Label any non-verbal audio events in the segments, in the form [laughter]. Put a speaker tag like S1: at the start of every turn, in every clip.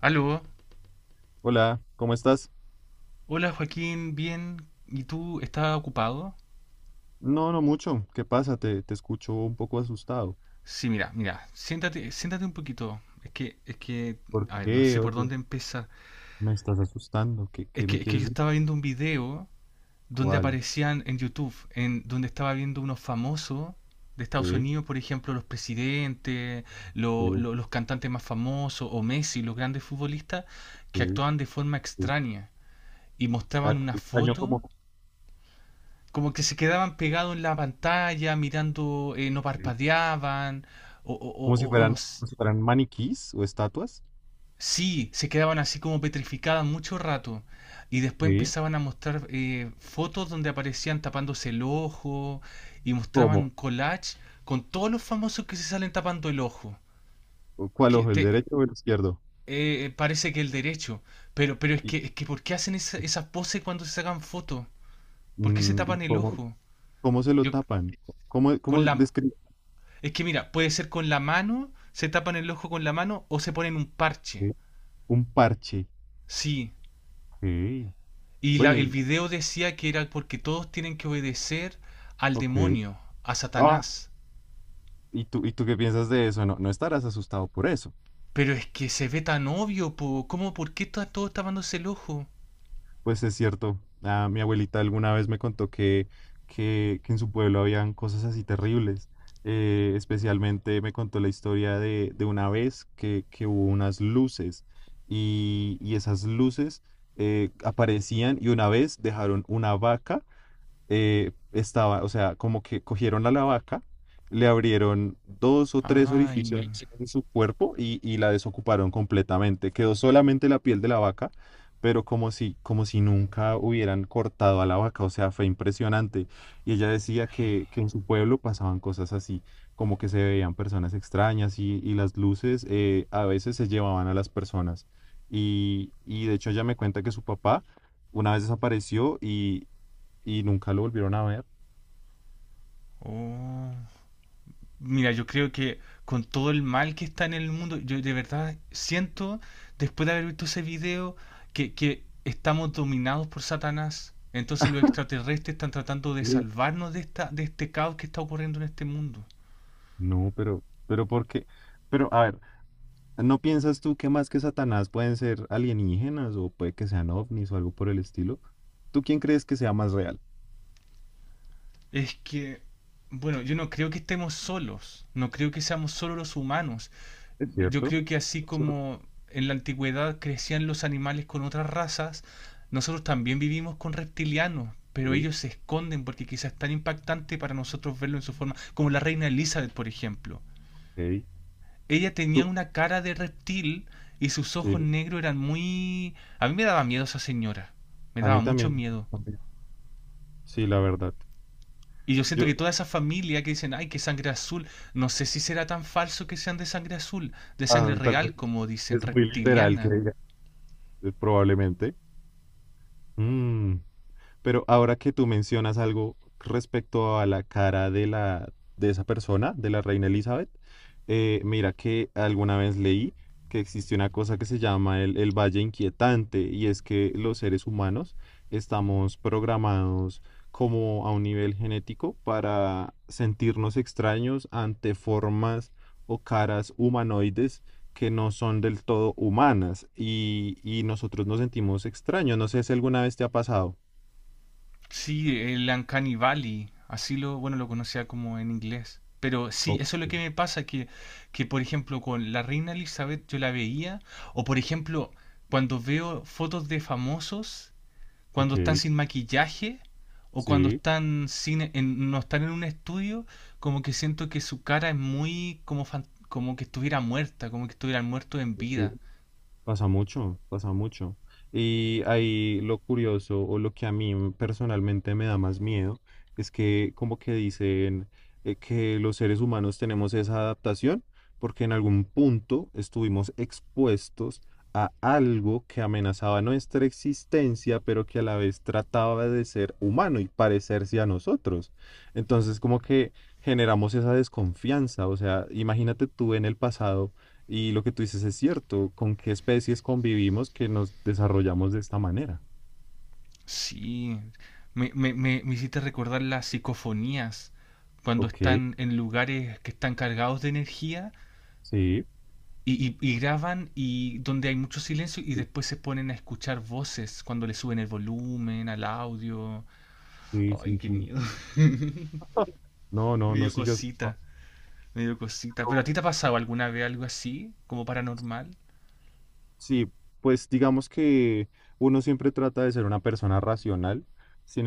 S1: Aló,
S2: Hola, ¿cómo estás?
S1: hola Joaquín, bien, ¿y tú estás ocupado?
S2: No, no mucho. ¿Qué pasa? Te escucho un poco asustado.
S1: Sí, mira, mira, siéntate, siéntate un poquito. Es que,
S2: ¿Por
S1: a ver, no
S2: qué?
S1: sé por
S2: Oye,
S1: dónde empezar.
S2: me estás asustando. ¿Qué,
S1: Es
S2: qué
S1: que,
S2: me
S1: es que yo
S2: quieres decir?
S1: estaba viendo un video donde
S2: ¿Cuál?
S1: aparecían en YouTube, en donde estaba viendo unos famosos de Estados
S2: Sí,
S1: Unidos, por ejemplo, los presidentes,
S2: sí,
S1: los cantantes más famosos, o Messi, los grandes futbolistas,
S2: sí,
S1: que actuaban de forma
S2: sí.
S1: extraña y mostraban
S2: Ah,
S1: una
S2: extraño
S1: foto como que se quedaban pegados en la pantalla, mirando, no parpadeaban, o no s-.
S2: como si fueran maniquís o estatuas.
S1: Sí, se quedaban así como petrificadas mucho rato. Y después
S2: Sí.
S1: empezaban a mostrar fotos donde aparecían tapándose el ojo y mostraban un
S2: ¿Cómo?
S1: collage con todos los famosos que se salen tapando el ojo.
S2: ¿Cuál
S1: Que
S2: ojo? ¿El
S1: te-
S2: derecho o el izquierdo?
S1: Parece que el derecho. Pero es
S2: ¿Y,
S1: que, es que ¿por qué hacen esas poses cuando se sacan fotos? ¿Por qué se
S2: y
S1: tapan el
S2: cómo,
S1: ojo?
S2: cómo se lo
S1: Yo,
S2: tapan? ¿Cómo,
S1: con
S2: cómo
S1: la,
S2: describe
S1: Es que mira, puede ser con la mano, se tapan el ojo con la mano o se ponen un parche.
S2: un parche?
S1: Sí.
S2: Sí.
S1: Y
S2: Bueno,
S1: el
S2: y.
S1: video decía que era porque todos tienen que obedecer al
S2: Ok.
S1: demonio, a
S2: Ah,
S1: Satanás.
S2: ¿y tú qué piensas de eso? No, no estarás asustado por eso.
S1: Pero es que se ve tan obvio, po. ¿Cómo? ¿Por qué está todo tapándose el ojo?
S2: Pues es cierto, mi abuelita alguna vez me contó que, que en su pueblo habían cosas así terribles. Especialmente me contó la historia de, una vez que, hubo unas luces y esas luces aparecían, y una vez dejaron una vaca. Estaba, o sea, como que cogieron a la vaca, le abrieron dos o tres orificios
S1: Ay.
S2: en su cuerpo y, la desocuparon completamente. Quedó solamente la piel de la vaca, pero como si, nunca hubieran cortado a la vaca, o sea, fue impresionante. Y ella decía que, en su pueblo pasaban cosas así, como que se veían personas extrañas y, las luces a veces se llevaban a las personas. Y de hecho ella me cuenta que su papá una vez desapareció y nunca lo volvieron a ver.
S1: Oh. Mira, yo creo que con todo el mal que está en el mundo, yo de verdad siento, después de haber visto ese video, que estamos dominados por Satanás. Entonces los extraterrestres están tratando de
S2: Sí.
S1: salvarnos de esta, de este caos que está ocurriendo en este mundo.
S2: No, pero, ¿por qué? Pero, a ver, ¿no piensas tú que más que Satanás pueden ser alienígenas, o puede que sean ovnis o algo por el estilo? ¿Tú quién crees que sea más real?
S1: Es que, bueno, yo no creo que estemos solos, no creo que seamos solo los humanos.
S2: ¿Es
S1: Yo
S2: cierto?
S1: creo que así
S2: Sor-
S1: como en la antigüedad crecían los animales con otras razas, nosotros también vivimos con reptilianos, pero
S2: Sí,
S1: ellos se esconden porque quizás es tan impactante para nosotros verlo en su forma, como la reina Elizabeth, por ejemplo.
S2: ok. Ok.
S1: Ella tenía
S2: Tú,
S1: una cara de reptil y sus
S2: sí,
S1: ojos negros eran muy... A mí me daba miedo esa señora, me
S2: a
S1: daba
S2: mí
S1: mucho
S2: también.
S1: miedo.
S2: También. Sí, la verdad.
S1: Y yo siento
S2: Yo,
S1: que toda esa familia que dicen, ay, que sangre azul, no sé si será tan falso que sean de sangre azul, de sangre
S2: tal vez
S1: real, como dicen,
S2: es muy literal que
S1: reptiliana.
S2: diga, probablemente. Mm. Pero ahora que tú mencionas algo respecto a la cara de la de esa persona, de la reina Elizabeth, mira que alguna vez leí que existe una cosa que se llama el, valle inquietante, y es que los seres humanos estamos programados como a un nivel genético para sentirnos extraños ante formas o caras humanoides que no son del todo humanas, y, nosotros nos sentimos extraños. No sé si alguna vez te ha pasado.
S1: Sí, el Uncanny Valley, así lo, bueno, lo conocía como en inglés. Pero sí,
S2: Ok,
S1: eso es lo que me pasa, que por ejemplo con la reina Elizabeth yo la veía, o por ejemplo cuando veo fotos de famosos cuando
S2: ok,
S1: están sin maquillaje o cuando
S2: sí,
S1: están sin, no están en un estudio, como que siento que su cara es muy como, como que estuviera muerta, como que estuvieran muertos en
S2: ok,
S1: vida.
S2: pasa mucho, pasa mucho. Y ahí lo curioso, o lo que a mí personalmente me da más miedo, es que como que dicen que los seres humanos tenemos esa adaptación porque en algún punto estuvimos expuestos a algo que amenazaba nuestra existencia, pero que a la vez trataba de ser humano y parecerse a nosotros. Entonces como que generamos esa desconfianza. O sea, imagínate tú en el pasado. Y lo que tú dices es cierto, ¿con qué especies convivimos que nos desarrollamos de esta manera?
S1: Sí, me hiciste recordar las psicofonías, cuando
S2: Ok,
S1: están en lugares que están cargados de energía
S2: sí,
S1: y, y graban y donde hay mucho silencio y después se ponen a escuchar voces cuando le suben el volumen al audio.
S2: sí,
S1: Ay,
S2: sí,
S1: qué
S2: sí.
S1: miedo. [laughs]
S2: No, no,
S1: Me
S2: no
S1: dio
S2: sigas. Ah,
S1: cosita. Me dio cosita.
S2: pero.
S1: ¿Pero a ti te ha pasado alguna vez algo así? ¿Como paranormal?
S2: Sí, pues digamos que uno siempre trata de ser una persona racional. Sin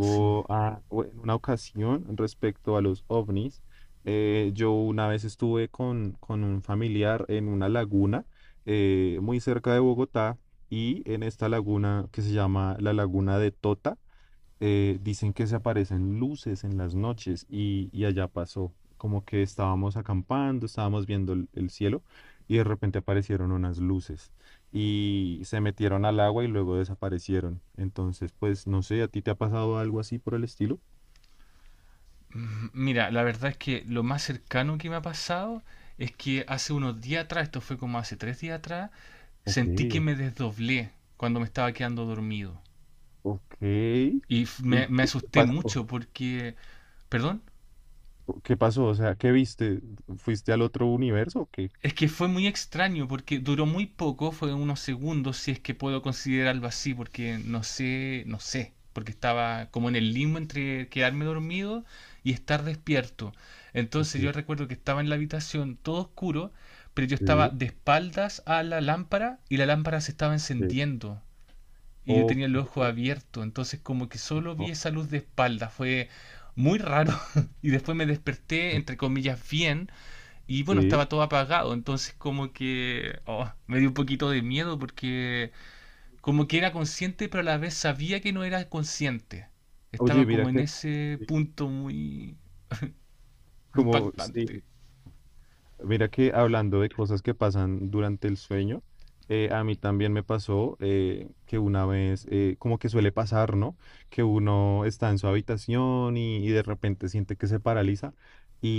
S1: Sí.
S2: ah, o en una ocasión respecto a los ovnis, yo una vez estuve con, un familiar en una laguna, muy cerca de Bogotá, y en esta laguna que se llama la Laguna de Tota, dicen que se aparecen luces en las noches, y, allá pasó, como que estábamos acampando, estábamos viendo el, cielo, y de repente aparecieron unas luces y se metieron al agua y luego desaparecieron. Entonces, pues no sé, ¿a ti te ha pasado algo así por el estilo?
S1: Mira, la verdad es que lo más cercano que me ha pasado es que hace unos días atrás, esto fue como hace 3 días atrás,
S2: Ok,
S1: sentí que me desdoblé cuando me estaba quedando dormido.
S2: ok.
S1: Y me,
S2: ¿Y
S1: me
S2: qué
S1: asusté
S2: pasó?
S1: mucho porque... ¿Perdón?
S2: ¿Qué pasó? O sea, ¿qué viste? ¿Fuiste al otro universo o qué?
S1: Es que fue muy extraño porque duró muy poco, fue unos segundos, si es que puedo considerarlo así, porque no sé, no sé, porque estaba como en el limbo entre quedarme dormido y estar despierto.
S2: Ok,
S1: Entonces yo recuerdo que estaba en la habitación todo oscuro, pero yo estaba
S2: sí,
S1: de espaldas a la lámpara y la lámpara se estaba
S2: sí.
S1: encendiendo y yo tenía
S2: Ok,
S1: el ojo abierto, entonces como que solo vi
S2: ok,
S1: esa luz de espalda, fue muy raro [laughs] y después me desperté entre comillas bien y bueno,
S2: sí.
S1: estaba todo apagado, entonces como que oh, me dio un poquito de miedo porque como que era consciente, pero a la vez sabía que no era consciente.
S2: Oye,
S1: Estaba
S2: mira
S1: como en
S2: que
S1: ese
S2: sí,
S1: punto muy
S2: como sí,
S1: impactante.
S2: mira que hablando de cosas que pasan durante el sueño, a mí también me pasó que una vez, como que suele pasar, ¿no? Que uno está en su habitación y, de repente siente que se paraliza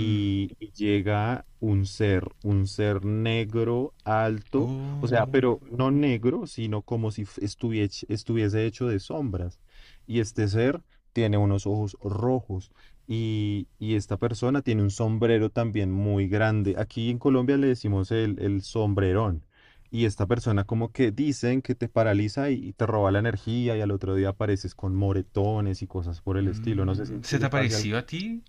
S1: Mm.
S2: llega un ser, negro, alto, o sea,
S1: Oh,
S2: pero no negro, sino como si estuviese, hecho de sombras. Y este ser tiene unos ojos rojos. Y esta persona tiene un sombrero también muy grande. Aquí en Colombia le decimos el, sombrerón. Y esta persona como que dicen que te paraliza y, te roba la energía, y al otro día apareces con moretones y cosas por el estilo. No sé si
S1: mm.
S2: en
S1: ¿Se te
S2: Chile pase algo.
S1: apareció a ti?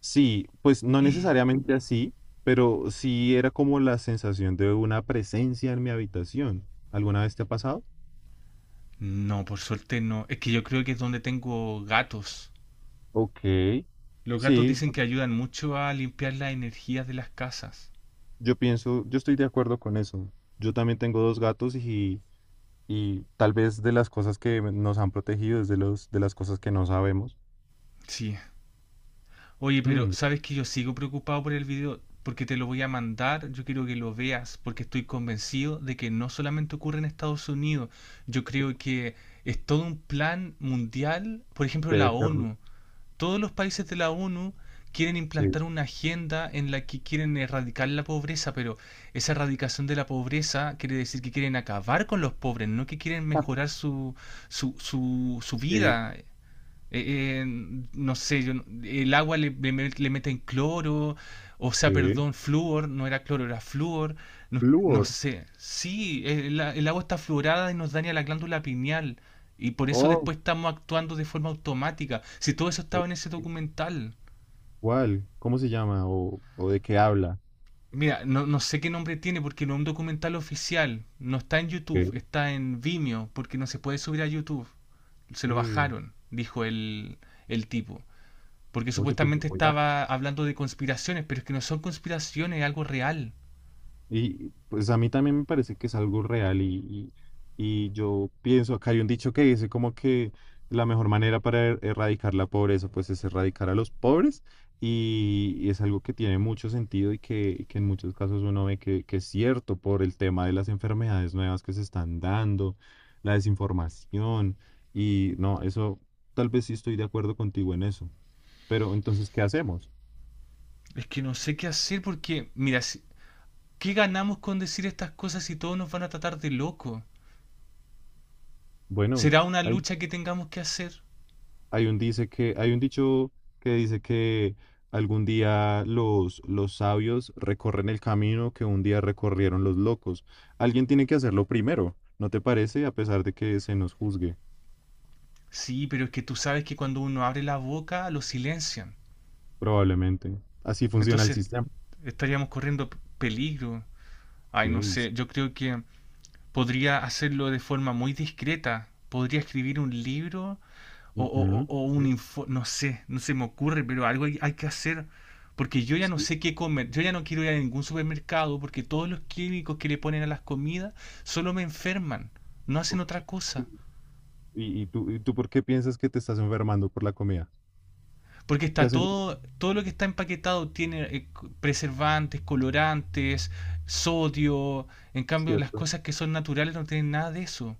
S2: Sí, pues no necesariamente así, pero sí era como la sensación de una presencia en mi habitación. ¿Alguna vez te ha pasado?
S1: No, por suerte no. Es que yo creo que es donde tengo gatos.
S2: Ok.
S1: Los gatos
S2: Sí,
S1: dicen que ayudan mucho a limpiar las energías de las casas.
S2: yo pienso, yo estoy de acuerdo con eso. Yo también tengo dos gatos, y tal vez de las cosas que nos han protegido es de los, de las cosas que no sabemos.
S1: Sí. Oye, pero
S2: Mm,
S1: sabes que yo sigo preocupado por el video porque te lo voy a mandar. Yo quiero que lo veas porque estoy convencido de que no solamente ocurre en Estados Unidos. Yo creo que es todo un plan mundial. Por ejemplo, la
S2: debe ser.
S1: ONU. Todos los países de la ONU quieren
S2: Sí.
S1: implantar una agenda en la que quieren erradicar la pobreza, pero esa erradicación de la pobreza quiere decir que quieren acabar con los pobres, no que quieren mejorar
S2: [laughs]
S1: su, su
S2: Sí,
S1: vida. Eh, eh, no sé, yo el agua le, le meten cloro, o sea,
S2: sí.
S1: perdón, flúor, no era cloro, era flúor, no, no
S2: Flúor.
S1: sé. Sí, el agua está fluorada y nos daña la glándula pineal, y por eso
S2: Oh,
S1: después estamos actuando de forma automática. Si todo eso estaba
S2: ok.
S1: en ese documental.
S2: ¿Cuál? ¿Cómo se llama? ¿O de qué habla?
S1: Mira, no, no sé qué nombre tiene porque no es un documental oficial, no está en YouTube,
S2: Ok,
S1: está en Vimeo, porque no se puede subir a YouTube. Se lo
S2: ok.
S1: bajaron, dijo el tipo. Porque
S2: Oye, pues,
S1: supuestamente
S2: voy a.
S1: estaba hablando de conspiraciones, pero es que no son conspiraciones, es algo real.
S2: Y pues a mí también me parece que es algo real, y, y yo pienso, acá hay un dicho que dice como que la mejor manera para erradicar la pobreza pues es erradicar a los pobres, y, es algo que tiene mucho sentido, y que, en muchos casos uno ve que, es cierto, por el tema de las enfermedades nuevas que se están dando, la desinformación, y no, eso tal vez sí estoy de acuerdo contigo en eso, pero entonces, ¿qué hacemos?
S1: Es que no sé qué hacer porque, mira, ¿qué ganamos con decir estas cosas si todos nos van a tratar de loco?
S2: Bueno.
S1: ¿Será una lucha que tengamos que hacer?
S2: Hay un dicho que dice que algún día los, sabios recorren el camino que un día recorrieron los locos. Alguien tiene que hacerlo primero, ¿no te parece? A pesar de que se nos juzgue,
S1: Sí, pero es que tú sabes que cuando uno abre la boca lo silencian.
S2: probablemente. Así funciona el
S1: Entonces
S2: sistema.
S1: estaríamos corriendo peligro. Ay,
S2: Ok,
S1: no
S2: s-
S1: sé, yo creo que podría hacerlo de forma muy discreta. Podría escribir un libro
S2: ujú,
S1: o
S2: ok,
S1: un info, no sé, no se me ocurre, pero algo hay, hay que hacer, porque yo ya no
S2: sí,
S1: sé qué comer, yo ya no quiero ir a ningún supermercado, porque todos los químicos que le ponen a las comidas solo me enferman, no hacen otra
S2: ok.
S1: cosa,
S2: ¿Y tú por qué piensas que te estás enfermando por la comida?
S1: porque
S2: ¿Qué
S1: está
S2: hacen?
S1: todo, todo lo que está empaquetado tiene preservantes, colorantes, sodio, en
S2: Es
S1: cambio las
S2: cierto,
S1: cosas que son naturales no tienen nada de eso.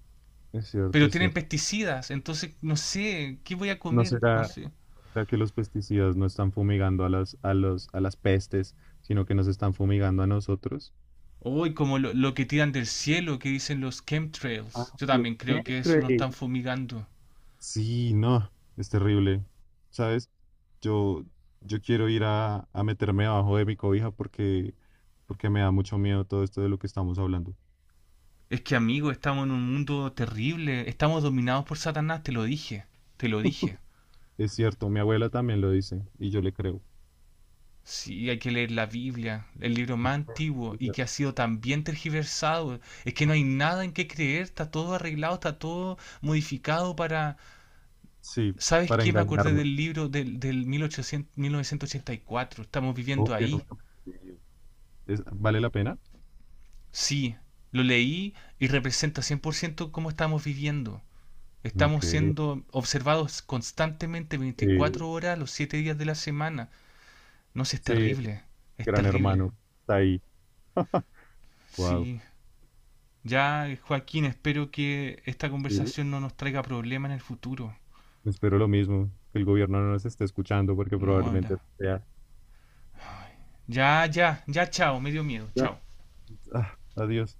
S2: es cierto,
S1: Pero
S2: es
S1: tienen
S2: cierto.
S1: pesticidas, entonces no sé, ¿qué voy a
S2: ¿No
S1: comer? No
S2: será,
S1: sé.
S2: sea, que los pesticidas no están fumigando a las, a las pestes, sino que nos están fumigando a nosotros?
S1: Uy, como lo que tiran del cielo, que dicen los
S2: Ah,
S1: chemtrails. Yo
S2: los
S1: también creo que eso nos están
S2: chemtrails.
S1: fumigando.
S2: Sí, no, es terrible. ¿Sabes? Yo, yo quiero ir a, meterme abajo de mi cobija, porque, me da mucho miedo todo esto de lo que estamos hablando.
S1: Es que, amigo, estamos en un mundo terrible. Estamos dominados por Satanás, te lo dije. Te lo dije.
S2: Es cierto, mi abuela también lo dice y yo le creo.
S1: Sí, hay que leer la Biblia, el libro más antiguo y que ha sido tan bien tergiversado. Es que no hay nada en qué creer, está todo arreglado, está todo modificado para...
S2: Sí,
S1: ¿Sabes
S2: para
S1: qué? Me acordé
S2: engañarme.
S1: del libro del 1800, 1984. Estamos
S2: Oh,
S1: viviendo
S2: bien,
S1: ahí.
S2: ok. ¿Vale la pena?
S1: Sí, lo leí y representa 100% cómo estamos viviendo.
S2: Ok.
S1: Estamos siendo observados constantemente
S2: eh,
S1: 24 horas los 7 días de la semana. No sé, es
S2: sí,
S1: terrible, es
S2: Gran
S1: terrible.
S2: Hermano, está ahí. Wow.
S1: Sí, ya Joaquín, espero que esta
S2: Sí,
S1: conversación no nos traiga problemas en el futuro.
S2: espero lo mismo, que el gobierno no nos esté escuchando, porque
S1: No,
S2: probablemente sea.
S1: ya, ya, ya, chao, me dio miedo,
S2: Ya.
S1: chao.
S2: Ah, adiós.